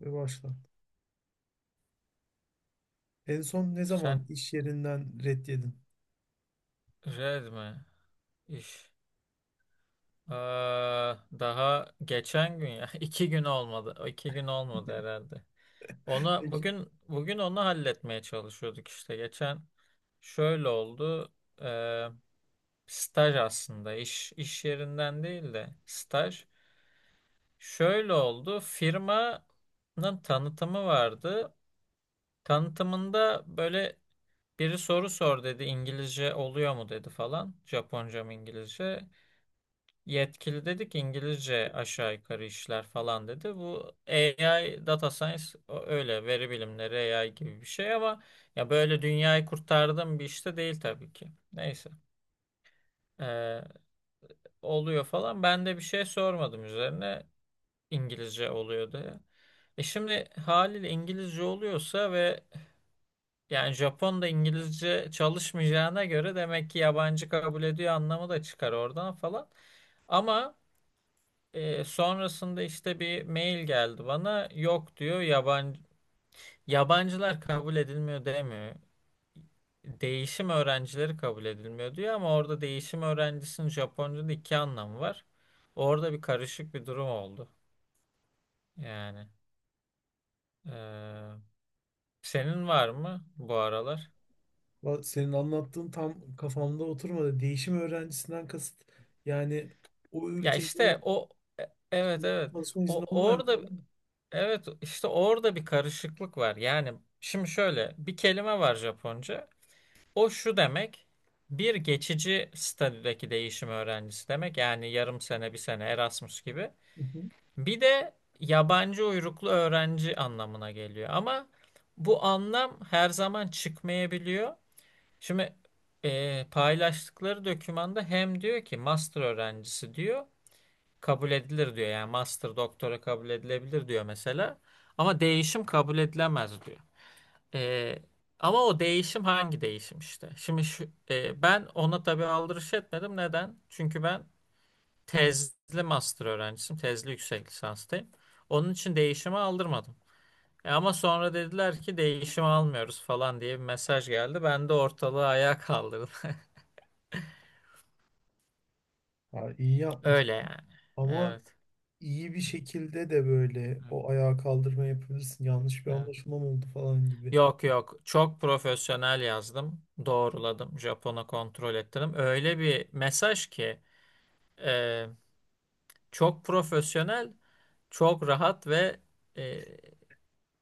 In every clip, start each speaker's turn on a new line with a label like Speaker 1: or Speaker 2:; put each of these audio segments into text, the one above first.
Speaker 1: Ve başla. En son ne zaman
Speaker 2: Sen
Speaker 1: iş yerinden ret yedin?
Speaker 2: red mi? İş. Aa, daha geçen gün ya. iki gün olmadı. O 2 gün olmadı herhalde. Onu
Speaker 1: Peki,
Speaker 2: bugün halletmeye çalışıyorduk işte. Geçen şöyle oldu. Ee, Staj aslında iş yerinden değil de staj. Şöyle oldu. Firmanın tanıtımı vardı. Tanıtımında böyle biri soru sor dedi. İngilizce oluyor mu dedi falan. Japonca mı İngilizce? Yetkili dedi ki İngilizce aşağı yukarı işler falan dedi. Bu AI, data science öyle veri bilimleri AI gibi bir şey ama ya böyle dünyayı kurtardım bir işte değil tabii ki. Neyse. Ee, Oluyor falan. Ben de bir şey sormadım üzerine, İngilizce oluyor diye. Şimdi haliyle İngilizce oluyorsa ve yani Japon da İngilizce çalışmayacağına göre, demek ki yabancı kabul ediyor anlamı da çıkar oradan falan. Ama sonrasında işte bir mail geldi bana. Yok diyor, yabancılar kabul edilmiyor demiyor. Değişim öğrencileri kabul edilmiyor diyor, ama orada değişim öğrencisinin Japonca'da iki anlamı var. Orada bir karışık bir durum oldu. Yani e, senin var mı bu aralar?
Speaker 1: senin anlattığın tam kafamda oturmadı. Değişim öğrencisinden kasıt yani o
Speaker 2: Ya
Speaker 1: ülkede
Speaker 2: işte o
Speaker 1: işte
Speaker 2: evet, evet,
Speaker 1: çalışma izni
Speaker 2: o
Speaker 1: olmayan
Speaker 2: orada.
Speaker 1: falan mı?
Speaker 2: Evet, işte orada bir karışıklık var. Yani şimdi şöyle bir kelime var Japonca. O şu demek, bir geçici statüdeki değişim öğrencisi demek. Yani yarım sene, bir sene, Erasmus gibi.
Speaker 1: Hı hı.
Speaker 2: Bir de yabancı uyruklu öğrenci anlamına geliyor. Ama bu anlam her zaman çıkmayabiliyor. Şimdi paylaştıkları dokümanda hem diyor ki master öğrencisi diyor, kabul edilir diyor. Yani master doktora kabul edilebilir diyor mesela. Ama değişim kabul edilemez diyor. Ee, Ama o değişim hangi değişim işte? Şimdi şu, ben ona tabii aldırış etmedim. Neden? Çünkü ben tezli master öğrencisiyim. Tezli yüksek lisanstayım. Onun için değişimi aldırmadım. Ama sonra dediler ki değişimi almıyoruz falan diye bir mesaj geldi. Ben de ortalığı ayağa kaldırdım.
Speaker 1: Ha, iyi yapmışsın.
Speaker 2: Öyle yani.
Speaker 1: Ama
Speaker 2: Evet.
Speaker 1: iyi bir şekilde de böyle
Speaker 2: Evet.
Speaker 1: o ayağa kaldırma yapabilirsin. Yanlış bir
Speaker 2: Evet.
Speaker 1: anlaşılma mı oldu falan gibi.
Speaker 2: Yok yok, çok profesyonel yazdım. Doğruladım. Japon'a kontrol ettirdim. Öyle bir mesaj ki e, çok profesyonel, çok rahat ve e,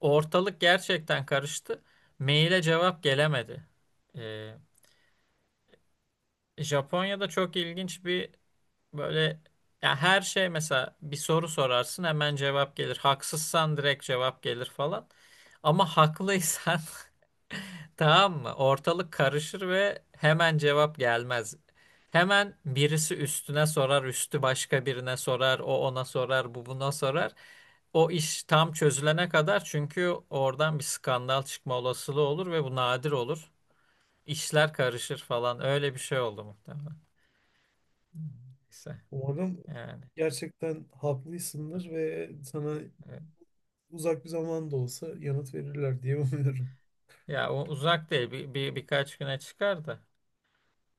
Speaker 2: ortalık gerçekten karıştı. Maile cevap gelemedi. E, Japonya'da çok ilginç bir böyle, ya her şey, mesela bir soru sorarsın hemen cevap gelir. Haksızsan direkt cevap gelir falan. Ama haklıysan tamam mı? Ortalık karışır ve hemen cevap gelmez. Hemen birisi üstüne sorar, üstü başka birine sorar, o ona sorar, bu buna sorar. O iş tam çözülene kadar, çünkü oradan bir skandal çıkma olasılığı olur ve bu nadir olur. İşler karışır falan. Öyle bir şey oldu muhtemelen. Neyse
Speaker 1: Umarım
Speaker 2: yani.
Speaker 1: gerçekten haklıysındır ve sana
Speaker 2: Evet.
Speaker 1: uzak bir zaman da olsa yanıt verirler diye umuyorum.
Speaker 2: Ya o uzak değil. Birkaç güne çıkar da.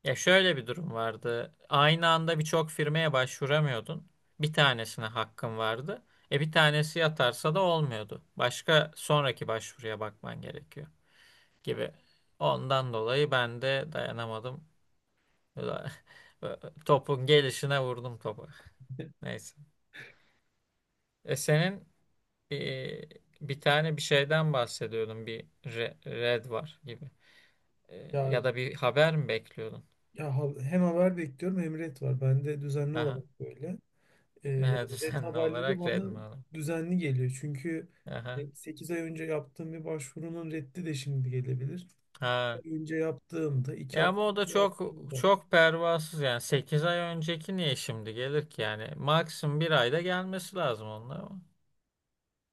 Speaker 2: Ya şöyle bir durum vardı. Aynı anda birçok firmaya başvuramıyordun. Bir tanesine hakkın vardı. Bir tanesi yatarsa da olmuyordu. Başka, sonraki başvuruya bakman gerekiyor gibi. Ondan dolayı ben de dayanamadım. Topun gelişine vurdum topu. Neyse. Senin e, bir tane bir şeyden bahsediyordun. Bir red var gibi.
Speaker 1: Ya,
Speaker 2: Ya da bir haber mi bekliyordun?
Speaker 1: ya hem haber bekliyorum hem ret var. Bende düzenli
Speaker 2: Aha.
Speaker 1: olarak böyle.
Speaker 2: Evet,
Speaker 1: Yani ret
Speaker 2: düzenli
Speaker 1: haberleri
Speaker 2: olarak red
Speaker 1: bana
Speaker 2: mi aldın?
Speaker 1: düzenli geliyor. Çünkü
Speaker 2: Aha.
Speaker 1: hani, 8 ay önce yaptığım bir başvurunun reddi de şimdi gelebilir.
Speaker 2: Ha.
Speaker 1: 1 ay önce yaptığımda, 2
Speaker 2: Ya ama
Speaker 1: hafta
Speaker 2: o da
Speaker 1: önce
Speaker 2: çok
Speaker 1: yaptığımda.
Speaker 2: çok pervasız yani. 8 ay önceki niye şimdi gelir ki yani? Maksimum bir ayda gelmesi lazım onun ama.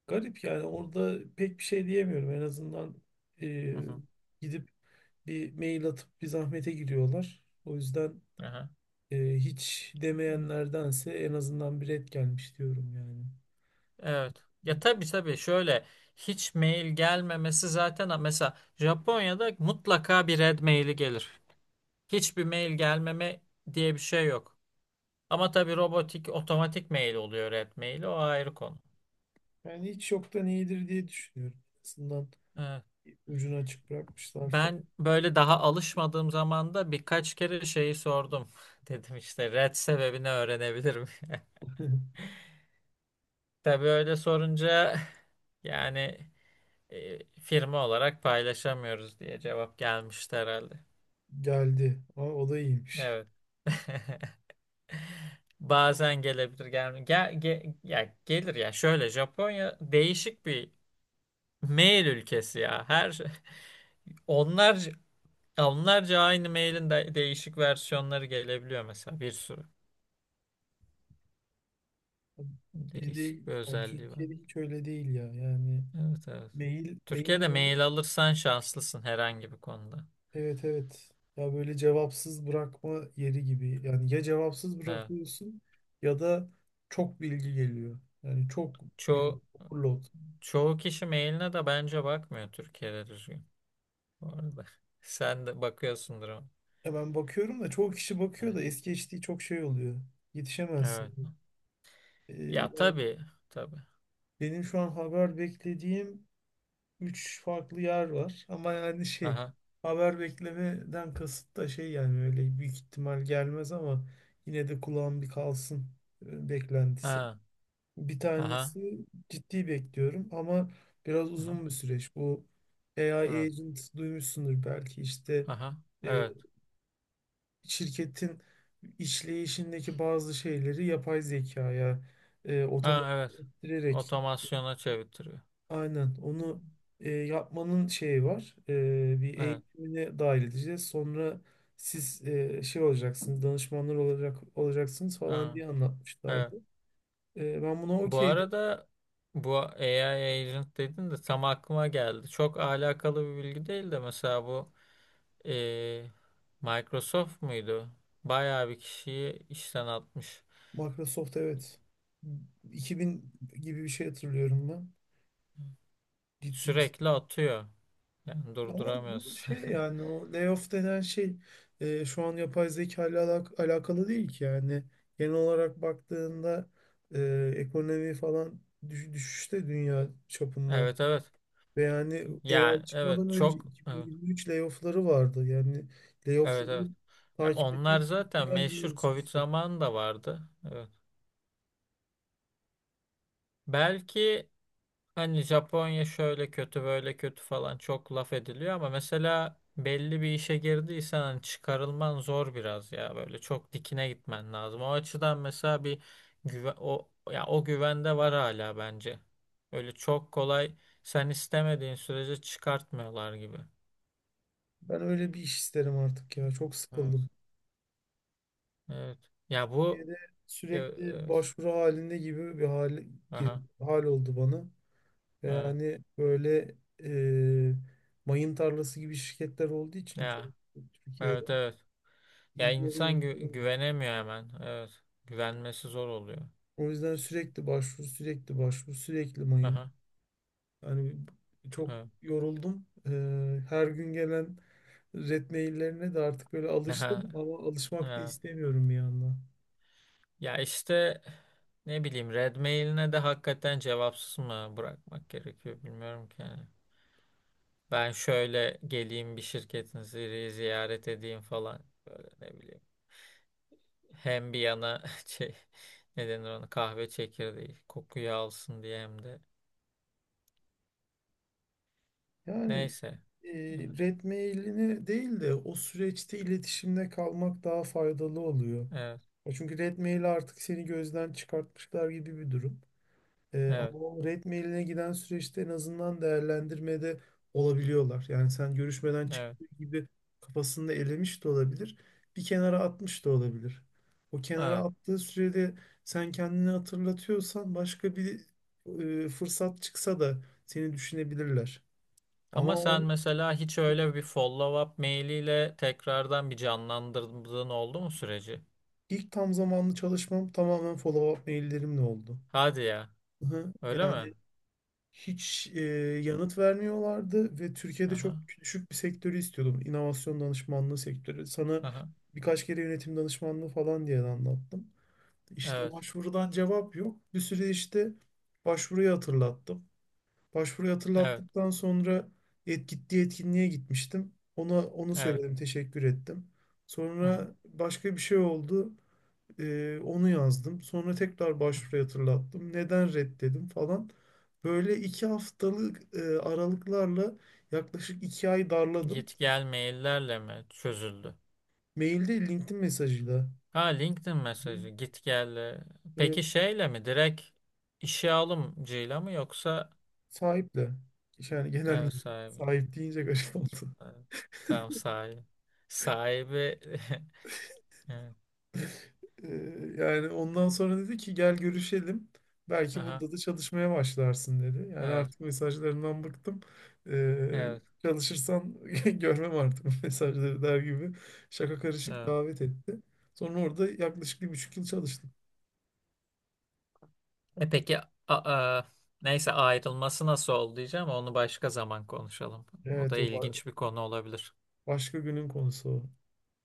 Speaker 1: Garip yani, orada pek bir şey diyemiyorum. En azından e,
Speaker 2: Hı hı.
Speaker 1: gidip bir mail atıp bir zahmete giriyorlar. O yüzden
Speaker 2: Aha.
Speaker 1: hiç demeyenlerdense en azından bir ret gelmiş diyorum yani.
Speaker 2: Evet. Ya tabii tabii, şöyle, hiç mail gelmemesi zaten, ha, mesela Japonya'da mutlaka bir red maili gelir. Hiçbir mail gelmeme diye bir şey yok. Ama tabii robotik otomatik mail oluyor red maili, o ayrı konu.
Speaker 1: Yani hiç yoktan iyidir diye düşünüyorum. En azından
Speaker 2: Evet.
Speaker 1: ucunu açık bırakmışlar
Speaker 2: Ben
Speaker 1: falan.
Speaker 2: böyle daha alışmadığım zaman da birkaç kere şeyi sordum. Dedim işte red sebebini öğrenebilirim. Tabii öyle sorunca yani, firma olarak paylaşamıyoruz diye cevap gelmişti herhalde.
Speaker 1: Geldi. Ama o da iyiymiş.
Speaker 2: Evet. Bazen gelebilir, gelmiyor. Ya gelir ya. Şöyle, Japonya değişik bir mail ülkesi ya. Onlarca onlarca aynı mailin değişik versiyonları gelebiliyor mesela, bir sürü.
Speaker 1: Bizde,
Speaker 2: Değişik bir
Speaker 1: yani
Speaker 2: özelliği var.
Speaker 1: Türkiye'de hiç öyle değil ya. Yani
Speaker 2: Evet evet.
Speaker 1: mail
Speaker 2: Türkiye'de
Speaker 1: mail de
Speaker 2: mail alırsan şanslısın herhangi bir konuda.
Speaker 1: evet evet. Ya, böyle cevapsız bırakma yeri gibi. Yani ya cevapsız
Speaker 2: Evet.
Speaker 1: bırakıyorsun ya da çok bilgi geliyor. Yani çok bilgi
Speaker 2: Çoğu,
Speaker 1: overload.
Speaker 2: çoğu kişi mailine de bence bakmıyor Türkiye'de düzgün. Bu arada. Sen de bakıyorsundur ama.
Speaker 1: Ya ben bakıyorum da çoğu kişi bakıyor
Speaker 2: Evet.
Speaker 1: da es geçtiği çok şey oluyor.
Speaker 2: Evet.
Speaker 1: Yetişemezsin. Ee,
Speaker 2: Ya tabii. Tabii.
Speaker 1: Benim şu an haber beklediğim 3 farklı yer var. Ama yani şey,
Speaker 2: Aha.
Speaker 1: haber beklemeden kasıt da şey, yani öyle büyük ihtimal gelmez ama yine de kulağım bir kalsın beklentisi.
Speaker 2: Ha.
Speaker 1: Bir
Speaker 2: Aha.
Speaker 1: tanesi ciddi bekliyorum ama biraz
Speaker 2: Aha.
Speaker 1: uzun bir süreç. Bu AI
Speaker 2: Evet.
Speaker 1: agent duymuşsundur belki, işte
Speaker 2: Aha.
Speaker 1: e,
Speaker 2: Evet.
Speaker 1: şirketin işleyişindeki bazı şeyleri yapay zekaya
Speaker 2: Ha,
Speaker 1: otomatik
Speaker 2: evet.
Speaker 1: ettirerek.
Speaker 2: Otomasyona çevirtiyor.
Speaker 1: Aynen. Onu yapmanın şeyi var. E, bir
Speaker 2: Evet.
Speaker 1: eğitimine dahil edeceğiz. Sonra siz şey olacaksınız, danışmanlar olacaksınız falan
Speaker 2: Ha,
Speaker 1: diye
Speaker 2: evet.
Speaker 1: anlatmışlardı. E, ben buna
Speaker 2: Bu
Speaker 1: okeydim.
Speaker 2: arada bu AI agent dedin de tam aklıma geldi. Çok alakalı bir bilgi değil de, mesela bu eee, Microsoft muydu? Bayağı bir kişiyi işten atmış.
Speaker 1: Microsoft evet. 2000 gibi bir şey hatırlıyorum ben. Ciddi bir.
Speaker 2: Sürekli atıyor. Yani
Speaker 1: Ama bu
Speaker 2: durduramıyorsun.
Speaker 1: şey, yani o layoff denen şey şu an yapay zeka ile alakalı değil ki yani. Genel olarak baktığında ekonomi falan düşüşte dünya çapında.
Speaker 2: Evet evet.
Speaker 1: Ve yani
Speaker 2: Yani
Speaker 1: AI
Speaker 2: evet,
Speaker 1: çıkmadan önce
Speaker 2: çok evet.
Speaker 1: 2023 layoff'ları vardı. Yani
Speaker 2: Evet
Speaker 1: layoff'ları
Speaker 2: evet.
Speaker 1: takip
Speaker 2: Onlar
Speaker 1: etmek
Speaker 2: zaten
Speaker 1: isteyen gibi
Speaker 2: meşhur, Covid
Speaker 1: oluşmuştu.
Speaker 2: zamanı da vardı. Evet. Belki, hani, Japonya şöyle kötü böyle kötü falan çok laf ediliyor ama mesela belli bir işe girdiysen hani çıkarılman zor biraz, ya böyle çok dikine gitmen lazım. O açıdan mesela bir güven, o ya, o güvende var hala bence. Öyle çok kolay, sen istemediğin sürece çıkartmıyorlar gibi.
Speaker 1: Ben öyle bir iş isterim artık ya. Çok
Speaker 2: Evet.
Speaker 1: sıkıldım.
Speaker 2: Evet. Ya bu
Speaker 1: Türkiye'de sürekli
Speaker 2: evet.
Speaker 1: başvuru halinde gibi bir hal,
Speaker 2: Aha.
Speaker 1: hal oldu bana. E,
Speaker 2: Evet.
Speaker 1: yani böyle e, mayın tarlası gibi şirketler olduğu için çok
Speaker 2: Ya.
Speaker 1: Türkiye'de
Speaker 2: Evet evet. Ya
Speaker 1: iyi bir yere
Speaker 2: insan
Speaker 1: denk gelemiyoruz.
Speaker 2: güvenemiyor hemen. Evet. Güvenmesi zor oluyor.
Speaker 1: O yüzden sürekli başvuru, sürekli başvuru, sürekli mayın.
Speaker 2: Aha.
Speaker 1: Yani çok
Speaker 2: Evet.
Speaker 1: yoruldum. E, her gün gelen red maillerine de artık böyle
Speaker 2: Aha.
Speaker 1: alıştım ama alışmak da
Speaker 2: Evet.
Speaker 1: istemiyorum bir yandan.
Speaker 2: Ya işte, ne bileyim, red mailine de hakikaten cevapsız mı bırakmak gerekiyor bilmiyorum ki yani. Ben şöyle geleyim, bir şirketinizi ziyaret edeyim falan. Böyle, ne bileyim. Hem bir yana şey, ne denir ona, kahve çekirdeği kokuyu alsın diye hem de.
Speaker 1: Yani
Speaker 2: Neyse.
Speaker 1: e,
Speaker 2: Evet.
Speaker 1: red mailini değil de o süreçte iletişimde kalmak daha faydalı oluyor.
Speaker 2: Evet.
Speaker 1: Ya çünkü red maili artık seni gözden çıkartmışlar gibi bir durum. E,
Speaker 2: Evet.
Speaker 1: ama o red mailine giden süreçte en azından değerlendirmede olabiliyorlar. Yani sen görüşmeden
Speaker 2: Evet.
Speaker 1: çıktığı gibi kafasında elemiş de olabilir, bir kenara atmış da olabilir. O kenara
Speaker 2: Evet.
Speaker 1: attığı sürede sen kendini hatırlatıyorsan başka bir fırsat çıksa da seni düşünebilirler. Ama
Speaker 2: Ama
Speaker 1: o,
Speaker 2: sen mesela hiç öyle bir follow-up mailiyle tekrardan bir canlandırdığın oldu mu süreci?
Speaker 1: İlk tam zamanlı çalışmam tamamen follow-up maillerimle oldu.
Speaker 2: Hadi ya.
Speaker 1: Hı.
Speaker 2: Öyle
Speaker 1: Yani
Speaker 2: mi?
Speaker 1: hiç yanıt vermiyorlardı ve Türkiye'de çok
Speaker 2: Aha,
Speaker 1: düşük bir sektörü istiyordum. İnovasyon danışmanlığı sektörü. Sana
Speaker 2: aha.
Speaker 1: birkaç kere yönetim danışmanlığı falan diye de anlattım. İşte
Speaker 2: Evet,
Speaker 1: başvurudan cevap yok. Bir süre işte başvuruyu hatırlattım. Başvuruyu
Speaker 2: evet,
Speaker 1: hatırlattıktan sonra gittiği etkinliğe gitmiştim. Ona onu
Speaker 2: evet.
Speaker 1: söyledim, teşekkür ettim.
Speaker 2: Hı hı,
Speaker 1: Sonra başka bir şey oldu. Onu yazdım. Sonra tekrar
Speaker 2: hı
Speaker 1: başvuruyu hatırlattım. Neden reddedim falan. Böyle 2 haftalık aralıklarla yaklaşık 2 ay
Speaker 2: hı.
Speaker 1: darladım.
Speaker 2: Git gel maillerle mi çözüldü?
Speaker 1: Mailde, LinkedIn mesajıyla.
Speaker 2: Ha, LinkedIn
Speaker 1: Hı.
Speaker 2: mesajı git gelle. Peki
Speaker 1: Evet,
Speaker 2: şeyle mi direkt, işe alımcıyla mı yoksa
Speaker 1: sahiple. Yani genel
Speaker 2: evet,
Speaker 1: müdür.
Speaker 2: sahibiyle?
Speaker 1: Sahip deyince garip oldu.
Speaker 2: Evet. Tamam, sahibi. Sahibi evet.
Speaker 1: Ee, Yani ondan sonra dedi ki gel görüşelim. Belki
Speaker 2: Aha,
Speaker 1: burada da çalışmaya başlarsın dedi. Yani
Speaker 2: evet,
Speaker 1: artık mesajlarından bıktım. Ee,
Speaker 2: evet,
Speaker 1: Çalışırsan görmem artık bu mesajları der gibi şaka karışık
Speaker 2: evet.
Speaker 1: davet etti. Sonra orada yaklaşık 1,5 yıl çalıştım.
Speaker 2: Peki, neyse, ayrılması nasıl oldu diyeceğim, onu başka zaman konuşalım. O da
Speaker 1: Evet o
Speaker 2: ilginç bir konu olabilir.
Speaker 1: başka günün konusu o.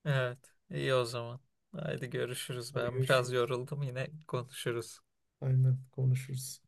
Speaker 2: Evet, iyi o zaman. Haydi görüşürüz.
Speaker 1: Hadi
Speaker 2: Ben biraz
Speaker 1: görüşürüz.
Speaker 2: yoruldum, yine konuşuruz.
Speaker 1: Aynen, konuşuruz.